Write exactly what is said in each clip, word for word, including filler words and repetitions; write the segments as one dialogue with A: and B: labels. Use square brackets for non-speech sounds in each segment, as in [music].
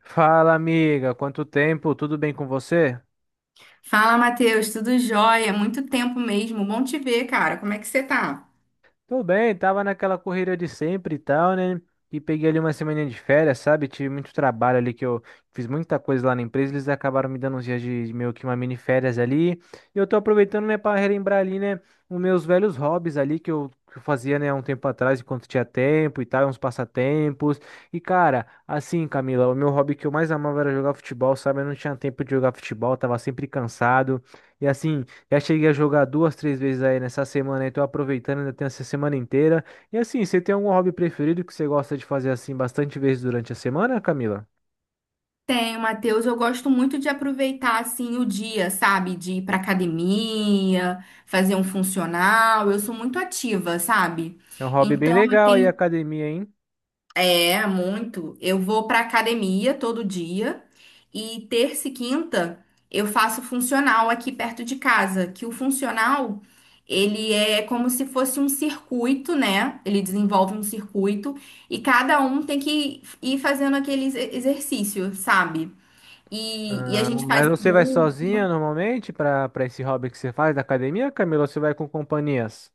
A: Fala, amiga, quanto tempo? Tudo bem com você?
B: Fala, Matheus, tudo jóia? Muito tempo mesmo. Bom te ver, cara. Como é que você tá?
A: Tudo bem, tava naquela correria de sempre e tal, né? E peguei ali uma semana de férias, sabe? Tive muito trabalho ali que eu fiz muita coisa lá na empresa, eles acabaram me dando uns dias de de meio que uma mini férias ali. E eu tô aproveitando, né, para relembrar ali, né, os meus velhos hobbies ali que eu, que eu fazia, né, há um tempo atrás, enquanto tinha tempo e tal, uns passatempos. E cara, assim, Camila, o meu hobby que eu mais amava era jogar futebol, sabe? Eu não tinha tempo de jogar futebol, tava sempre cansado. E assim, já cheguei a jogar duas, três vezes aí nessa semana, aí tô aproveitando, ainda tenho essa semana inteira. E assim, você tem algum hobby preferido que você gosta de fazer assim bastante vezes durante a semana, Camila?
B: Tenho, Matheus. Eu gosto muito de aproveitar assim o dia, sabe? De ir pra academia, fazer um funcional. Eu sou muito ativa, sabe?
A: É um hobby bem
B: Então eu
A: legal aí,
B: tenho.
A: academia, hein?
B: É muito. Eu vou pra academia todo dia e terça e quinta eu faço funcional aqui perto de casa, que o funcional ele é como se fosse um circuito, né? Ele desenvolve um circuito e cada um tem que ir fazendo aquele ex- exercício, sabe? E, e a
A: Ah,
B: gente faz
A: mas
B: em
A: você vai
B: dupla.
A: sozinha normalmente para para esse hobby que você faz da academia, Camila, ou você vai com companhias?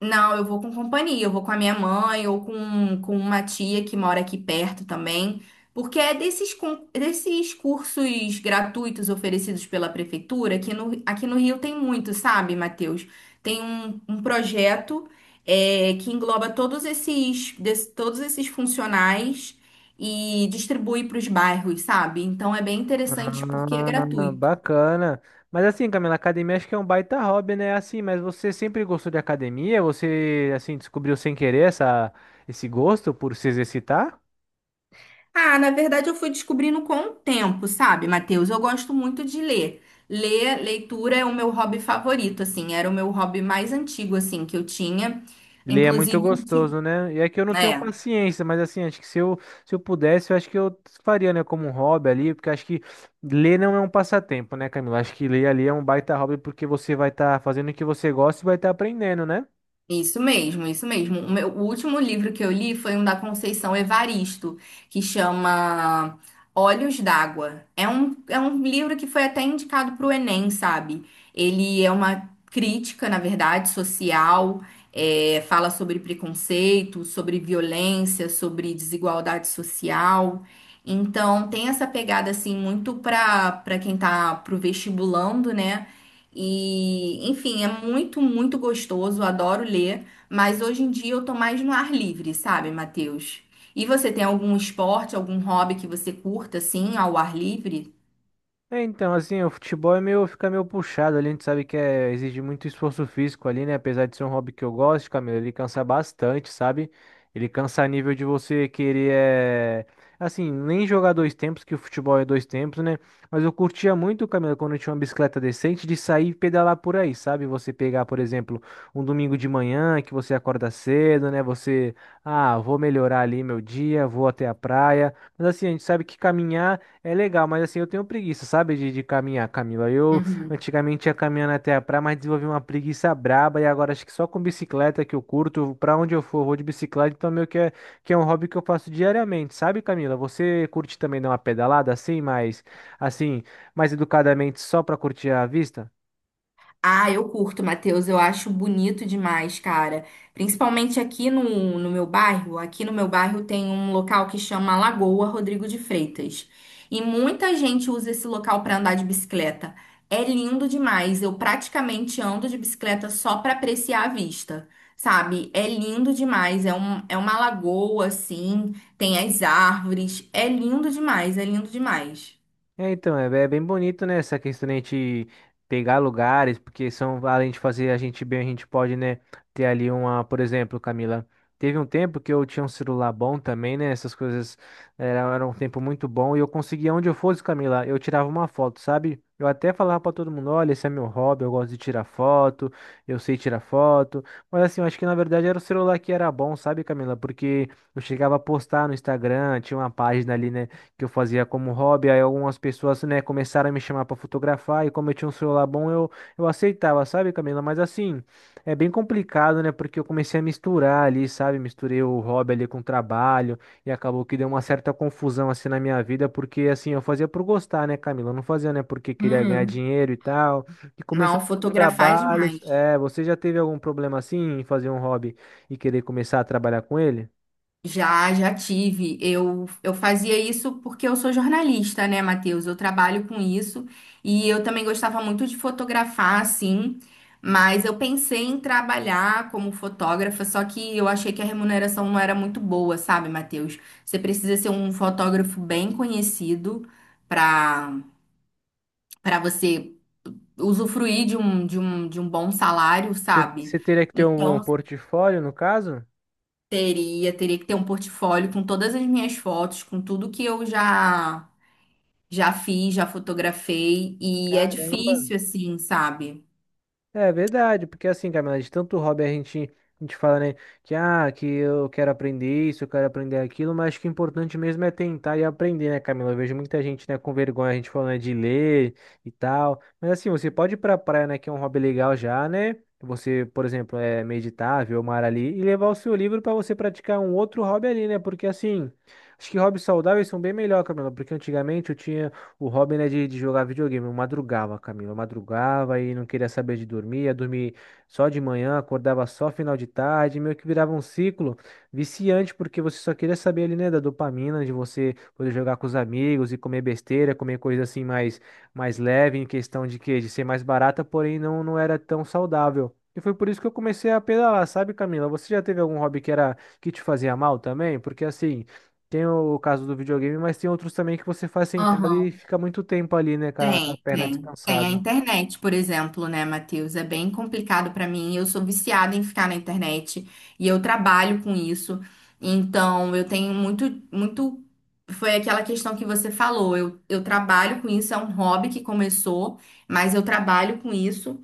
B: Não, eu vou com companhia, eu vou com a minha mãe ou com, com uma tia que mora aqui perto também, porque é desses, con- desses cursos gratuitos oferecidos pela prefeitura, que no, aqui no Rio tem muito, sabe, Matheus? Tem um, um projeto é, que engloba todos esses, des- todos esses funcionais e distribui para os bairros, sabe? Então é bem interessante porque é
A: Ah,
B: gratuito.
A: bacana. Mas assim, Camila, academia acho que é um baita hobby, né? Assim, mas você sempre gostou de academia? Você, assim, descobriu sem querer essa, esse gosto por se exercitar?
B: Ah, na verdade eu fui descobrindo com o tempo, sabe, Matheus? Eu gosto muito de ler. Ler, leitura é o meu hobby favorito, assim, era o meu hobby mais antigo, assim, que eu tinha.
A: Ele é muito
B: Inclusive, ulti-
A: gostoso, né? E é que eu não tenho
B: É.
A: paciência, mas assim, acho que se eu, se eu pudesse, eu acho que eu faria, né, como um hobby ali, porque acho que ler não é um passatempo, né, Camila? Acho que ler ali é um baita hobby porque você vai estar fazendo o que você gosta e vai estar aprendendo, né?
B: Isso mesmo, isso mesmo. O meu- o último livro que eu li foi um da Conceição Evaristo, que chama Olhos d'Água. É um, é um livro que foi até indicado para o Enem, sabe? Ele é uma crítica, na verdade, social, é, fala sobre preconceito, sobre violência, sobre desigualdade social. Então, tem essa pegada, assim, muito para para quem tá pro vestibulando, né? E, enfim, é muito, muito gostoso, adoro ler, mas hoje em dia eu tô mais no ar livre, sabe, Matheus? E você tem algum esporte, algum hobby que você curta, assim, ao ar livre?
A: É, então, assim, o futebol é meio, fica meio puxado ali, a gente sabe que é, exige muito esforço físico ali, né? Apesar de ser um hobby que eu gosto, Camilo, ele cansa bastante, sabe? Ele cansa a nível de você querer, é... assim, nem jogar dois tempos, que o futebol é dois tempos, né? Mas eu curtia muito, Camilo, quando eu tinha uma bicicleta decente, de sair e pedalar por aí, sabe? Você pegar, por exemplo, um domingo de manhã, que você acorda cedo, né? Você, ah, vou melhorar ali meu dia, vou até a praia. Mas assim, a gente sabe que caminhar é legal, mas assim, eu tenho preguiça, sabe, de, de caminhar, Camila. Eu antigamente ia caminhando até a praia, mas desenvolvi uma preguiça braba e agora acho que só com bicicleta que eu curto, pra onde eu for, eu vou de bicicleta, então meio que é, que é um hobby que eu faço diariamente, sabe, Camila? Você curte também dar uma pedalada assim, mas assim, mais educadamente só pra curtir a vista?
B: Ah, eu curto, Matheus. Eu acho bonito demais, cara. Principalmente aqui no, no meu bairro. Aqui no meu bairro tem um local que chama Lagoa Rodrigo de Freitas. E muita gente usa esse local para andar de bicicleta. É lindo demais. Eu praticamente ando de bicicleta só para apreciar a vista, sabe? É lindo demais. É um, é uma lagoa, assim. Tem as árvores. É lindo demais. É lindo demais.
A: É, então, é, é bem bonito, né, essa questão de a gente pegar lugares, porque são, além de fazer a gente bem, a gente pode, né, ter ali uma, por exemplo, Camila, teve um tempo que eu tinha um celular bom também, né, essas coisas era, era um tempo muito bom, e eu conseguia, onde eu fosse, Camila, eu tirava uma foto, sabe? Eu até falava pra todo mundo, olha, esse é meu hobby, eu gosto de tirar foto, eu sei tirar foto, mas assim, eu acho que na verdade era o celular que era bom, sabe, Camila? Porque eu chegava a postar no Instagram, tinha uma página ali, né, que eu fazia como hobby, aí algumas pessoas, né, começaram a me chamar para fotografar e como eu tinha um celular bom, eu, eu aceitava, sabe, Camila? Mas assim, é bem complicado, né, porque eu comecei a misturar ali, sabe? Misturei o hobby ali com o trabalho e acabou que deu uma certa confusão assim na minha vida, porque assim, eu fazia por gostar, né, Camila? Eu não fazia, né, porque queria ganhar
B: Uhum.
A: dinheiro e tal. E começou
B: Não, fotografar é
A: trabalhos.
B: demais.
A: É, você já teve algum problema assim em fazer um hobby e querer começar a trabalhar com ele?
B: Já, já tive. Eu, eu fazia isso porque eu sou jornalista, né, Matheus? Eu trabalho com isso e eu também gostava muito de fotografar, assim, mas eu pensei em trabalhar como fotógrafa, só que eu achei que a remuneração não era muito boa, sabe, Matheus? Você precisa ser um fotógrafo bem conhecido para para você usufruir de um, de um, de um bom salário,
A: Você
B: sabe?
A: você teria que ter um um
B: Então,
A: portfólio, no caso?
B: teria, teria que ter um portfólio com todas as minhas fotos, com tudo que eu já já fiz, já fotografei, e é
A: Caramba.
B: difícil assim, sabe?
A: É verdade, porque assim, Camila, de tanto hobby a gente, a gente fala, né, que ah, que eu quero aprender isso, eu quero aprender aquilo, mas acho que o importante mesmo é tentar e aprender, né, Camila? Eu vejo muita gente, né, com vergonha, a gente falando, né, de ler e tal. Mas assim, você pode ir pra praia, né, que é um hobby legal já, né? Você, por exemplo, é meditar, ver o mar ali e levar o seu livro para você praticar um outro hobby ali, né? Porque assim, acho que hobbies saudáveis são bem melhor, Camila, porque antigamente eu tinha o hobby né de, de jogar videogame. Eu madrugava, Camila. Eu madrugava e não queria saber de dormir. Ia dormir só de manhã, acordava só final de tarde. Meio que virava um ciclo viciante, porque você só queria saber ali, né, da dopamina, de você poder jogar com os amigos e comer besteira, comer coisa assim mais, mais leve, em questão de que de ser mais barata, porém não, não era tão saudável. E foi por isso que eu comecei a pedalar, sabe, Camila? Você já teve algum hobby que era que te fazia mal também? Porque assim. Tem o caso do videogame, mas tem outros também que você faz sentado e
B: Aham.
A: fica muito tempo ali, né, com a, com a
B: Tem,
A: perna
B: tem. Tem a
A: descansada.
B: internet, por exemplo, né, Matheus? É bem complicado pra mim. Eu sou viciada em ficar na internet e eu trabalho com isso. Então, eu tenho muito, muito. Foi aquela questão que você falou. Eu, eu trabalho com isso, é um hobby que começou, mas eu trabalho com isso.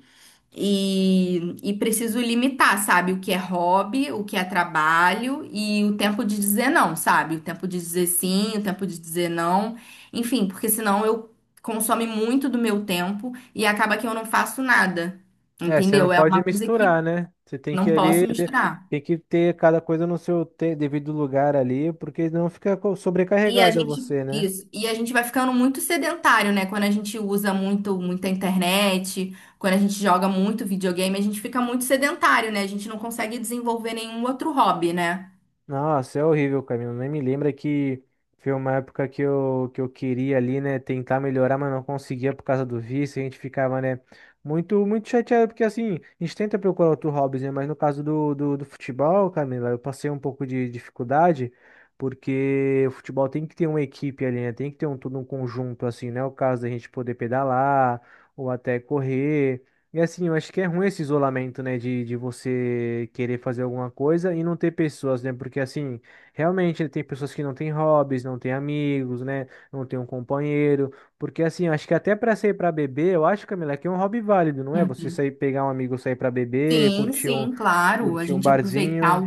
B: E, e preciso limitar, sabe? O que é hobby, o que é trabalho e o tempo de dizer não, sabe? O tempo de dizer sim, o tempo de dizer não. Enfim, porque senão eu consome muito do meu tempo e acaba que eu não faço nada.
A: É, você não
B: Entendeu? É
A: pode
B: uma coisa que
A: misturar, né? Você tem que
B: não
A: ali,
B: posso
A: de-
B: misturar.
A: tem que ter cada coisa no seu te- devido lugar ali, porque não fica co-
B: E a
A: sobrecarregada
B: gente,
A: você, né?
B: isso, e a gente vai ficando muito sedentário, né? Quando a gente usa muito, muita internet, quando a gente joga muito videogame, a gente fica muito sedentário, né? A gente não consegue desenvolver nenhum outro hobby, né?
A: Nossa, é horrível, Camilo. Nem me lembra que foi uma época que eu, que eu queria ali, né, tentar melhorar, mas não conseguia por causa do vício. A gente ficava, né, muito, muito chateado, porque assim, a gente tenta procurar outro hobbies, né, mas no caso do, do, do futebol, Camila, eu passei um pouco de dificuldade, porque o futebol tem que ter uma equipe ali, né, tem que ter um, todo um conjunto, assim, né, o caso da gente poder pedalar ou até correr. E assim, eu acho que é ruim esse isolamento, né, de, de você querer fazer alguma coisa e não ter pessoas, né, porque assim, realmente tem pessoas que não têm hobbies, não têm amigos, né, não tem um companheiro, porque assim, eu acho que até pra sair pra beber, eu acho, Camila, que é um hobby válido, não é? Você
B: Uhum.
A: sair, pegar um amigo, sair pra beber,
B: Sim,
A: curtir um,
B: sim, claro. A
A: curtir um
B: gente aproveitar
A: barzinho.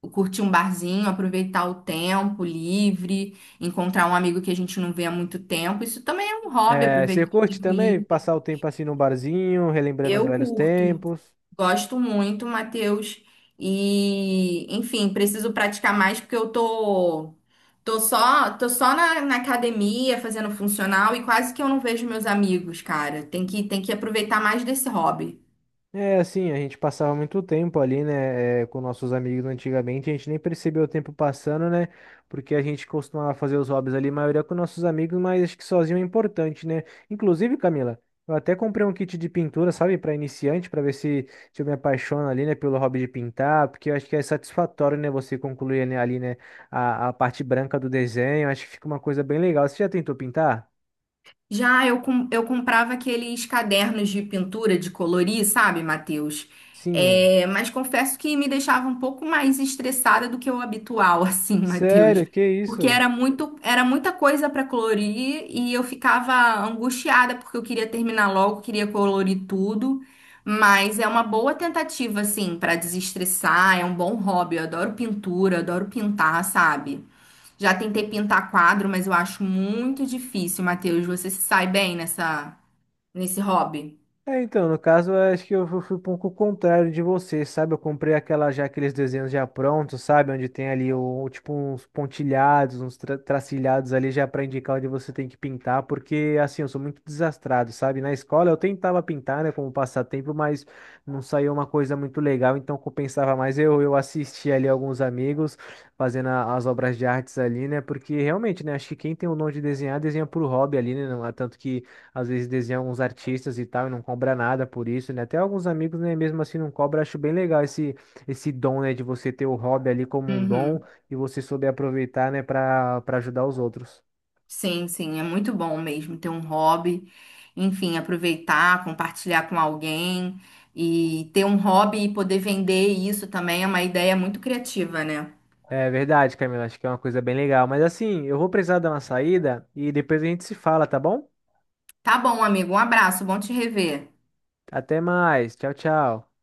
B: o, curtir um barzinho, aproveitar o tempo livre, encontrar um amigo que a gente não vê há muito tempo. Isso também é um hobby,
A: É, você
B: aproveitar o
A: curte
B: tempo
A: também
B: livre.
A: passar o tempo assim no barzinho, relembrando os
B: Eu
A: velhos
B: curto,
A: tempos?
B: gosto muito, Matheus. E, enfim, preciso praticar mais porque eu tô tô só tô só na, na academia fazendo funcional e quase que eu não vejo meus amigos, cara. Tem que tem que aproveitar mais desse hobby.
A: É, assim, a gente passava muito tempo ali, né, é, com nossos amigos antigamente, a gente nem percebeu o tempo passando, né, porque a gente costumava fazer os hobbies ali, maioria com nossos amigos, mas acho que sozinho é importante, né. Inclusive, Camila, eu até comprei um kit de pintura, sabe, para iniciante, para ver se, se eu me apaixono ali, né, pelo hobby de pintar, porque eu acho que é satisfatório, né, você concluir né, ali, né, a, a parte branca do desenho, acho que fica uma coisa bem legal. Você já tentou pintar?
B: Já eu, com- eu comprava aqueles cadernos de pintura, de colorir, sabe, Matheus?
A: Sim.
B: É, mas confesso que me deixava um pouco mais estressada do que o habitual, [laughs] assim, Matheus.
A: Sério, que
B: Porque
A: isso?
B: era muito, era muita coisa para colorir e eu ficava angustiada porque eu queria terminar logo, queria colorir tudo. Mas é uma boa tentativa, assim, para desestressar, é um bom hobby. Eu adoro pintura, adoro pintar, sabe? Já tentei pintar quadro, mas eu acho muito difícil, Matheus. Você se sai bem nessa, nesse hobby?
A: É, então, no caso, eu acho que eu fu- fui um pouco contrário de você, sabe? Eu comprei aquela já aqueles desenhos já prontos, sabe? Onde tem ali o, o tipo uns pontilhados, uns tra- tracilhados ali já para indicar onde você tem que pintar, porque assim, eu sou muito desastrado, sabe? Na escola eu tentava pintar, né, como passatempo, mas não saiu uma coisa muito legal, então compensava mais eu eu assistia ali alguns amigos fazendo a- as obras de artes ali, né? Porque realmente, né, acho que quem tem o dom de desenhar, desenha por hobby ali, né? Não é tanto que às vezes desenha alguns artistas e tal, e não cobra nada por isso, né? Até alguns amigos, né, mesmo assim não cobra, acho bem legal esse, esse dom, né, de você ter o hobby ali como um dom
B: Uhum.
A: e você souber aproveitar, né, para para ajudar os outros.
B: Sim, sim, é muito bom mesmo ter um hobby. Enfim, aproveitar, compartilhar com alguém e ter um hobby e poder vender isso também é uma ideia muito criativa, né?
A: É verdade, Camila, acho que é uma coisa bem legal. Mas assim, eu vou precisar dar uma saída e depois a gente se fala, tá bom?
B: Tá bom, amigo. Um abraço, bom te rever.
A: Até mais, tchau, tchau.